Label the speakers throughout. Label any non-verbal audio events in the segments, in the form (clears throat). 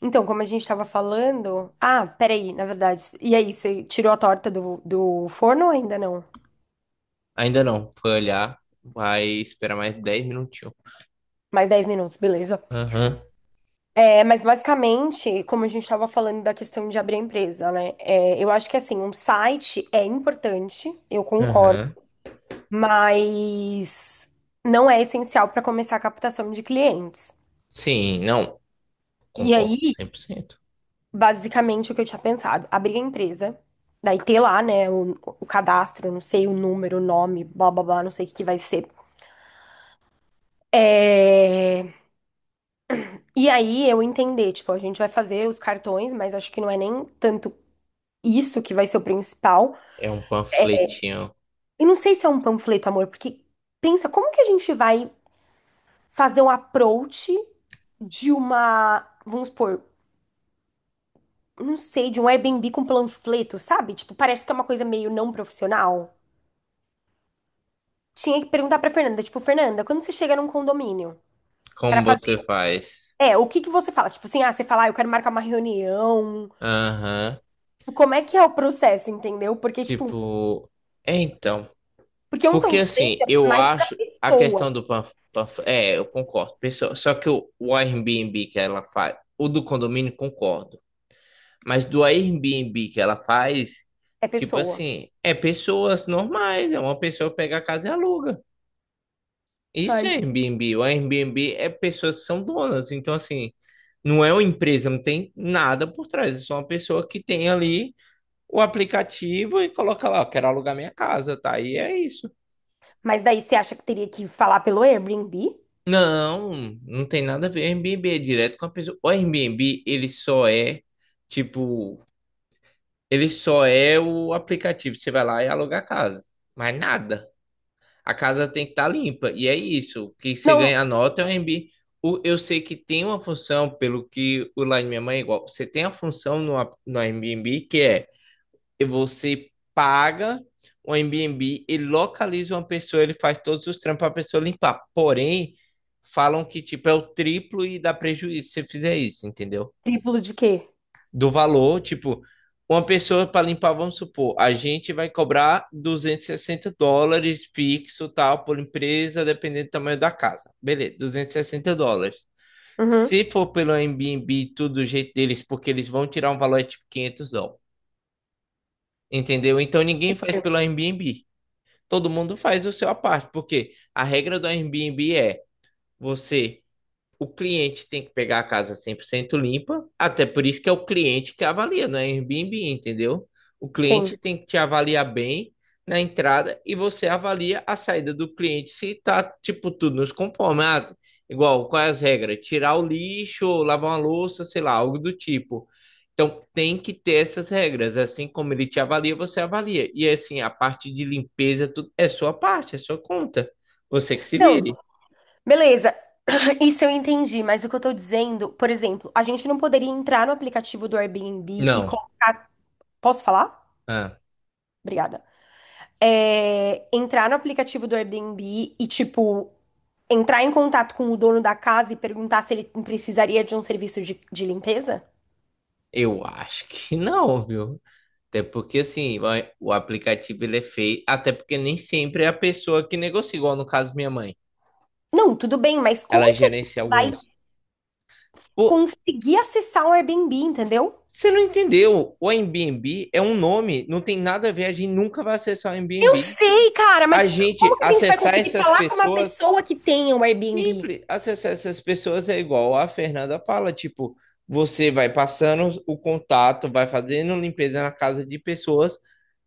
Speaker 1: Então, como a gente tava falando. Ah, peraí, na verdade. E aí, você tirou a torta do forno ou ainda não?
Speaker 2: Ainda não. Foi olhar. Vai esperar mais 10 minutinhos.
Speaker 1: Mais 10 minutos, beleza.
Speaker 2: Aham,
Speaker 1: É, mas basicamente, como a gente estava falando da questão de abrir a empresa, né? É, eu acho que assim, um site é importante, eu concordo,
Speaker 2: aham.
Speaker 1: mas não é essencial para começar a captação de clientes.
Speaker 2: Sim, não.
Speaker 1: E
Speaker 2: Concordo
Speaker 1: aí,
Speaker 2: 100%.
Speaker 1: basicamente, o que eu tinha pensado, abrir a empresa, daí ter lá, né, o cadastro, não sei o número, o nome, blá blá blá, não sei o que que vai ser. É, e aí eu entender, tipo, a gente vai fazer os cartões, mas acho que não é nem tanto isso que vai ser o principal.
Speaker 2: É um panfletinho.
Speaker 1: E não sei se é um panfleto, amor, porque pensa, como que a gente vai fazer um approach de uma, vamos supor, não sei, de um Airbnb com panfleto, sabe? Tipo, parece que é uma coisa meio não profissional. Tinha que perguntar pra Fernanda, tipo, Fernanda, quando você chega num condomínio pra
Speaker 2: Como
Speaker 1: fazer,
Speaker 2: você faz?
Speaker 1: é, o que que você fala? Tipo assim, ah, você fala, ah, eu quero marcar uma reunião.
Speaker 2: Aham.
Speaker 1: Tipo, como é que é o processo, entendeu? Porque, tipo,
Speaker 2: Tipo, é então.
Speaker 1: porque um
Speaker 2: Porque assim,
Speaker 1: panfleto é
Speaker 2: eu
Speaker 1: mais pra
Speaker 2: acho a
Speaker 1: pessoa.
Speaker 2: questão do é, eu concordo, pessoal. Só que o Airbnb que ela faz, o do condomínio, concordo. Mas do Airbnb que ela faz,
Speaker 1: É
Speaker 2: tipo
Speaker 1: pessoa.
Speaker 2: assim, é pessoas normais, é uma pessoa pega a casa e aluga.
Speaker 1: Tá
Speaker 2: Isso é
Speaker 1: aí.
Speaker 2: Airbnb. O Airbnb é pessoas que são donas. Então, assim, não é uma empresa, não tem nada por trás. É só uma pessoa que tem ali o aplicativo e coloca lá, "Ó, quero alugar minha casa, tá? E é isso."
Speaker 1: Mas daí você acha que teria que falar pelo Airbnb?
Speaker 2: Não, não tem nada a ver. Airbnb é direto com a pessoa. O Airbnb, tipo, ele só é o aplicativo. Você vai lá e aluga a casa. Mas nada. A casa tem que estar limpa. E é isso. O que você
Speaker 1: Não,
Speaker 2: ganha a nota é o Airbnb. Eu sei que tem uma função, pelo que o lá de minha mãe é igual. Você tem a função no Airbnb que é e você paga o Airbnb e localiza uma pessoa, ele faz todos os trampos para a pessoa limpar. Porém, falam que tipo é o triplo e dá prejuízo se você fizer isso, entendeu?
Speaker 1: triplo de quê?
Speaker 2: Do valor, tipo, uma pessoa para limpar, vamos supor, a gente vai cobrar 260 dólares fixo, tal, por empresa, dependendo do tamanho da casa. Beleza, 260 dólares.
Speaker 1: Uhum.
Speaker 2: Se for pelo Airbnb, tudo do jeito deles, porque eles vão tirar um valor é tipo 500 dólares. Entendeu? Então ninguém faz pelo Airbnb. Todo mundo faz o seu à parte, porque a regra do Airbnb é você o cliente tem que pegar a casa 100% limpa, até por isso que é o cliente que avalia, não é Airbnb, entendeu? O
Speaker 1: Sim.
Speaker 2: cliente tem que te avaliar bem na entrada e você avalia a saída do cliente se tá, tipo, tudo nos conforme. Ah, igual, quais as regras? Tirar o lixo, lavar uma louça, sei lá, algo do tipo. Então, tem que ter essas regras. Assim como ele te avalia, você avalia. E assim, a parte de limpeza, tudo é sua parte, é sua conta. Você que se
Speaker 1: Não,
Speaker 2: vire.
Speaker 1: beleza. (clears throat) Isso eu entendi, mas o que eu tô dizendo, por exemplo, a gente não poderia entrar no aplicativo do Airbnb e
Speaker 2: Não.
Speaker 1: colocar. Posso falar?
Speaker 2: Ah.
Speaker 1: Obrigada. É, entrar no aplicativo do Airbnb e, tipo, entrar em contato com o dono da casa e perguntar se ele precisaria de um serviço de limpeza?
Speaker 2: Eu acho que não, viu? Até porque, assim, o aplicativo ele é feio. Até porque nem sempre é a pessoa que negocia, igual no caso minha mãe.
Speaker 1: Não, tudo bem, mas
Speaker 2: Ela
Speaker 1: como que a gente
Speaker 2: gerencia
Speaker 1: vai
Speaker 2: alguns. Pô,
Speaker 1: conseguir acessar o Airbnb, entendeu?
Speaker 2: você não entendeu? O Airbnb é um nome, não tem nada a ver. A gente nunca vai acessar o
Speaker 1: Eu
Speaker 2: Airbnb.
Speaker 1: sei, cara,
Speaker 2: A
Speaker 1: mas como
Speaker 2: gente
Speaker 1: que a gente vai
Speaker 2: acessar
Speaker 1: conseguir
Speaker 2: essas
Speaker 1: falar com uma
Speaker 2: pessoas.
Speaker 1: pessoa que tenha um Airbnb?
Speaker 2: Simples. Acessar essas pessoas é igual a Fernanda fala, tipo, você vai passando o contato, vai fazendo limpeza na casa de pessoas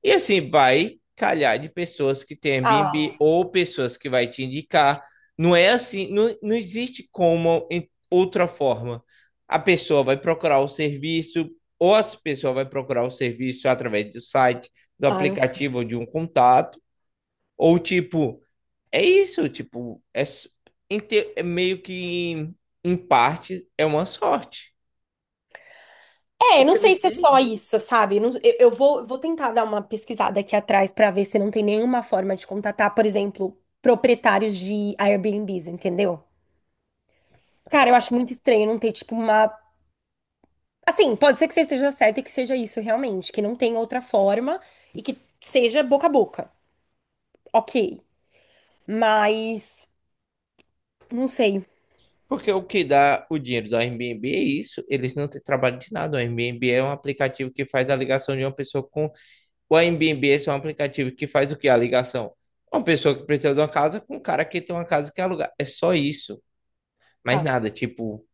Speaker 2: e assim vai calhar de pessoas que tem
Speaker 1: Ah,
Speaker 2: Airbnb ou pessoas que vai te indicar. Não é assim, não, não existe como em outra forma. A pessoa vai procurar o serviço ou a pessoa vai procurar o serviço através do site, do
Speaker 1: ah, não.
Speaker 2: aplicativo ou de um contato, ou tipo é isso, tipo, é meio que em parte é uma sorte.
Speaker 1: É, não
Speaker 2: Porque não
Speaker 1: sei se é só
Speaker 2: tem,
Speaker 1: isso, sabe? Eu vou tentar dar uma pesquisada aqui atrás pra ver se não tem nenhuma forma de contatar, por exemplo, proprietários de Airbnbs, entendeu?
Speaker 2: tá
Speaker 1: Cara, eu
Speaker 2: bom?
Speaker 1: acho muito estranho não ter, tipo, uma. Assim, pode ser que você esteja certa e que seja isso realmente, que não tem outra forma e que seja boca a boca. Ok, mas não sei,
Speaker 2: Porque o que dá o dinheiro do Airbnb é isso, eles não têm trabalho de nada. O Airbnb é um aplicativo que faz a ligação de uma pessoa com. O Airbnb é só um aplicativo que faz o que? A ligação. Uma pessoa que precisa de uma casa com um cara que tem uma casa que alugar. É só isso. Mais
Speaker 1: tá.
Speaker 2: nada, tipo,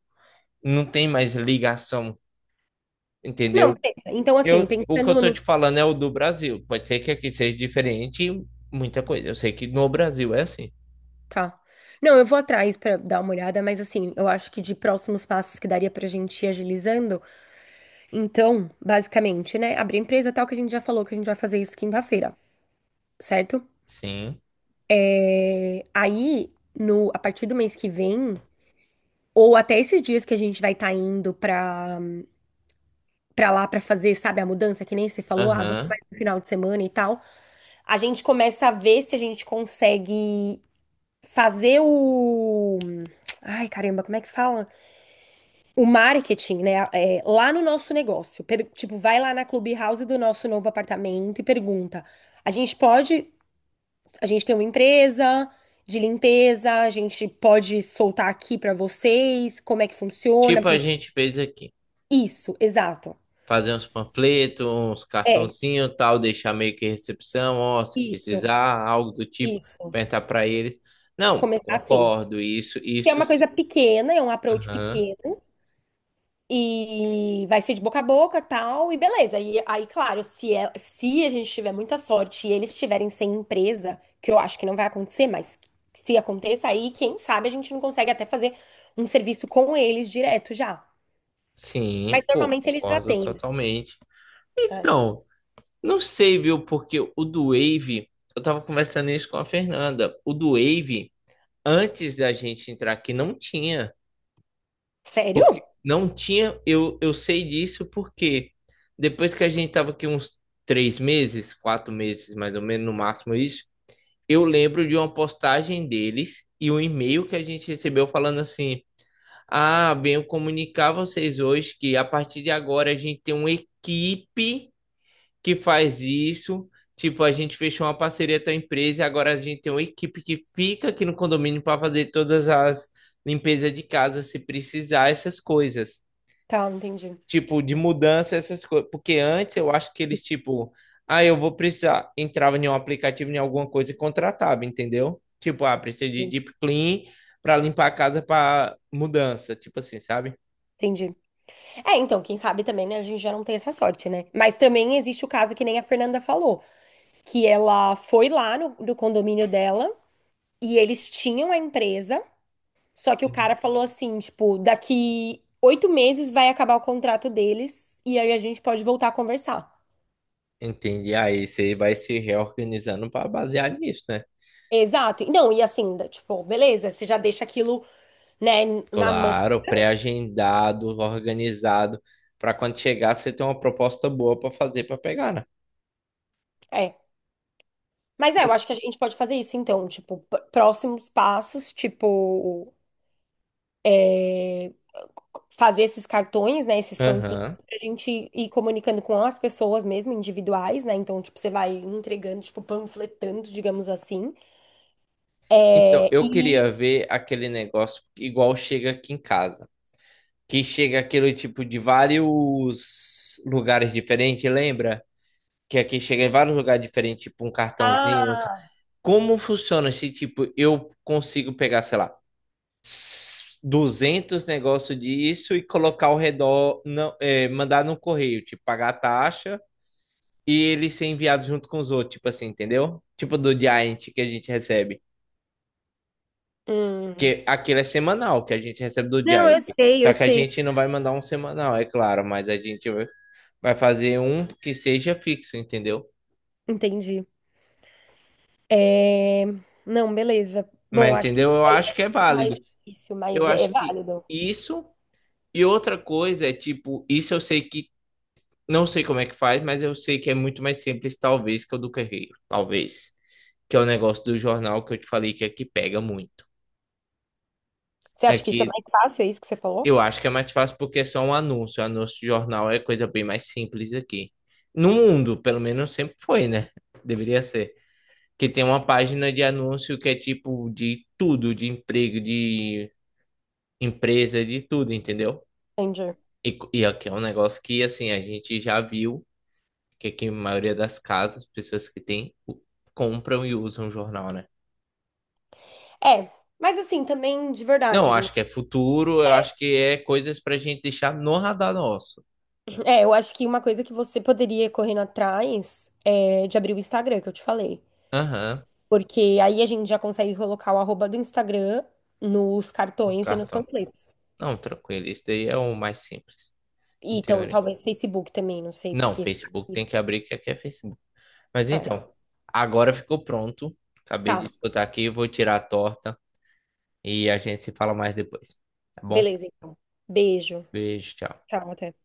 Speaker 2: não tem mais ligação,
Speaker 1: Não,
Speaker 2: entendeu?
Speaker 1: beleza. Então, assim,
Speaker 2: Eu, o que eu
Speaker 1: pensando
Speaker 2: tô te
Speaker 1: nos.
Speaker 2: falando é o do Brasil. Pode ser que aqui seja diferente em muita coisa. Eu sei que no Brasil é assim.
Speaker 1: Tá. Não, eu vou atrás pra dar uma olhada, mas assim, eu acho que de próximos passos que daria pra gente ir agilizando. Então, basicamente, né, abrir a empresa tal que a gente já falou que a gente vai fazer isso quinta-feira, certo?
Speaker 2: Sim.
Speaker 1: Aí, no a partir do mês que vem, ou até esses dias que a gente vai estar indo pra para lá pra fazer, sabe, a mudança que nem você falou, ah, vamos
Speaker 2: Aham.
Speaker 1: mais no final de semana e tal. A gente começa a ver se a gente consegue fazer o. Ai, caramba, como é que fala? O marketing, né? É, lá no nosso negócio. Tipo, vai lá na Clubhouse do nosso novo apartamento e pergunta. A gente pode. A gente tem uma empresa de limpeza, a gente pode soltar aqui pra vocês como é que funciona.
Speaker 2: Tipo a gente fez aqui.
Speaker 1: Isso, exato.
Speaker 2: Fazer uns panfletos, uns
Speaker 1: É,
Speaker 2: cartãozinhos, tal, deixar meio que recepção, ó, se
Speaker 1: isso,
Speaker 2: precisar, algo do tipo,
Speaker 1: isso.
Speaker 2: perguntar pra eles. Não,
Speaker 1: Começar assim.
Speaker 2: concordo, isso,
Speaker 1: Que é
Speaker 2: isso
Speaker 1: uma
Speaker 2: sim.
Speaker 1: coisa pequena, é um approach
Speaker 2: Aham.
Speaker 1: pequeno. E vai ser de boca a boca, tal, e beleza. E aí, claro, se, é, se a gente tiver muita sorte e eles estiverem sem empresa, que eu acho que não vai acontecer, mas se aconteça aí, quem sabe a gente não consegue até fazer um serviço com eles direto já. Mas
Speaker 2: Sim, pô,
Speaker 1: normalmente eles já
Speaker 2: concordo
Speaker 1: têm, né?
Speaker 2: totalmente.
Speaker 1: É.
Speaker 2: Então, não sei, viu, porque o do Wave, eu tava conversando isso com a Fernanda. O do Wave antes da gente entrar aqui não tinha.
Speaker 1: Sério?
Speaker 2: Porque não tinha, eu sei disso porque depois que a gente estava aqui uns 3 meses, 4 meses, mais ou menos, no máximo isso, eu lembro de uma postagem deles e um e-mail que a gente recebeu falando assim: Ah, venho comunicar a vocês hoje que a partir de agora a gente tem uma equipe que faz isso. Tipo, a gente fechou uma parceria com a empresa e agora a gente tem uma equipe que fica aqui no condomínio para fazer todas as limpezas de casa, se precisar, essas coisas.
Speaker 1: Tá, entendi.
Speaker 2: Tipo, de mudança, essas coisas. Porque antes eu acho que eles, tipo, ah, eu vou precisar. Entrava em um aplicativo, em alguma coisa e contratava, entendeu? Tipo, ah, precisa de deep clean para limpar a casa para mudança, tipo assim, sabe?
Speaker 1: Entendi. É, então, quem sabe também, né? A gente já não tem essa sorte, né? Mas também existe o caso que nem a Fernanda falou, que ela foi lá no, no condomínio dela e eles tinham a empresa. Só que o cara
Speaker 2: Uhum.
Speaker 1: falou assim, tipo, daqui 8 meses vai acabar o contrato deles e aí a gente pode voltar a conversar.
Speaker 2: Entendi. Aí você vai se reorganizando para basear nisso, né?
Speaker 1: Exato. Não, e assim, tipo, beleza, você já deixa aquilo, né, na mão.
Speaker 2: Claro, pré-agendado, organizado, para quando chegar você ter uma proposta boa para fazer para pegar, né?
Speaker 1: É. Mas é, eu acho que a gente pode fazer isso então, tipo, próximos passos, tipo, fazer esses cartões, né, esses panfletos
Speaker 2: Aham.
Speaker 1: pra gente ir comunicando com as pessoas mesmo, individuais, né? Então, tipo, você vai entregando, tipo, panfletando, digamos assim.
Speaker 2: Então,
Speaker 1: É,
Speaker 2: eu
Speaker 1: e
Speaker 2: queria ver aquele negócio igual chega aqui em casa, que chega aquele tipo de vários lugares diferentes, lembra? Que aqui chega em vários lugares diferentes, tipo um cartãozinho.
Speaker 1: ah,
Speaker 2: Como funciona se, tipo, eu consigo pegar, sei lá, 200 negócio disso e colocar ao redor, não, é, mandar no correio, tipo, pagar a taxa e ele ser enviado junto com os outros, tipo assim, entendeu? Tipo do Giant que a gente recebe.
Speaker 1: hum.
Speaker 2: Que aquilo é semanal que a gente recebe do
Speaker 1: Não,
Speaker 2: Giant.
Speaker 1: eu sei,
Speaker 2: Só
Speaker 1: eu
Speaker 2: que a
Speaker 1: sei.
Speaker 2: gente não vai mandar um semanal, é claro, mas a gente vai fazer um que seja fixo, entendeu?
Speaker 1: Entendi. É... Não, beleza.
Speaker 2: Mas
Speaker 1: Bom, acho que
Speaker 2: entendeu?
Speaker 1: isso
Speaker 2: Eu
Speaker 1: aí
Speaker 2: acho
Speaker 1: vai
Speaker 2: que
Speaker 1: ser
Speaker 2: é
Speaker 1: um pouco mais
Speaker 2: válido.
Speaker 1: difícil,
Speaker 2: Eu
Speaker 1: mas é é
Speaker 2: acho que
Speaker 1: válido.
Speaker 2: isso e outra coisa é tipo, isso eu sei que não sei como é que faz, mas eu sei que é muito mais simples, talvez, que o do Correio. Talvez. Que é o negócio do jornal que eu te falei que aqui pega muito.
Speaker 1: Você acha que isso é
Speaker 2: Aqui
Speaker 1: mais fácil? É isso que você falou?
Speaker 2: eu acho que é mais fácil porque é só um anúncio. O anúncio de jornal é coisa bem mais simples aqui. No mundo, pelo menos sempre foi, né? Deveria ser. Que tem uma página de anúncio que é tipo de tudo, de emprego, de empresa, de tudo, entendeu?
Speaker 1: Entendi.
Speaker 2: E aqui é um negócio que, assim, a gente já viu que aqui a maioria das casas, pessoas que têm, compram e usam jornal, né?
Speaker 1: É, mas assim, também de
Speaker 2: Não, eu
Speaker 1: verdade. Né?
Speaker 2: acho que é futuro, eu acho que é coisas pra gente deixar no radar nosso.
Speaker 1: É, eu acho que uma coisa que você poderia ir correndo atrás é de abrir o Instagram, que eu te falei.
Speaker 2: Aham,
Speaker 1: Porque aí a gente já consegue colocar o arroba do Instagram nos
Speaker 2: um
Speaker 1: cartões e nos
Speaker 2: cartão.
Speaker 1: panfletos.
Speaker 2: Não, tranquilo, isso daí é o mais simples,
Speaker 1: E
Speaker 2: em
Speaker 1: então,
Speaker 2: teoria.
Speaker 1: talvez Facebook também, não sei,
Speaker 2: Não,
Speaker 1: porque
Speaker 2: Facebook
Speaker 1: aqui.
Speaker 2: tem que abrir, que aqui é Facebook. Mas
Speaker 1: É,
Speaker 2: então, agora ficou pronto. Acabei de
Speaker 1: tá.
Speaker 2: escutar aqui, vou tirar a torta e a gente se fala mais depois, tá bom?
Speaker 1: Beleza, então. Beijo.
Speaker 2: Beijo, tchau.
Speaker 1: Tchau, até.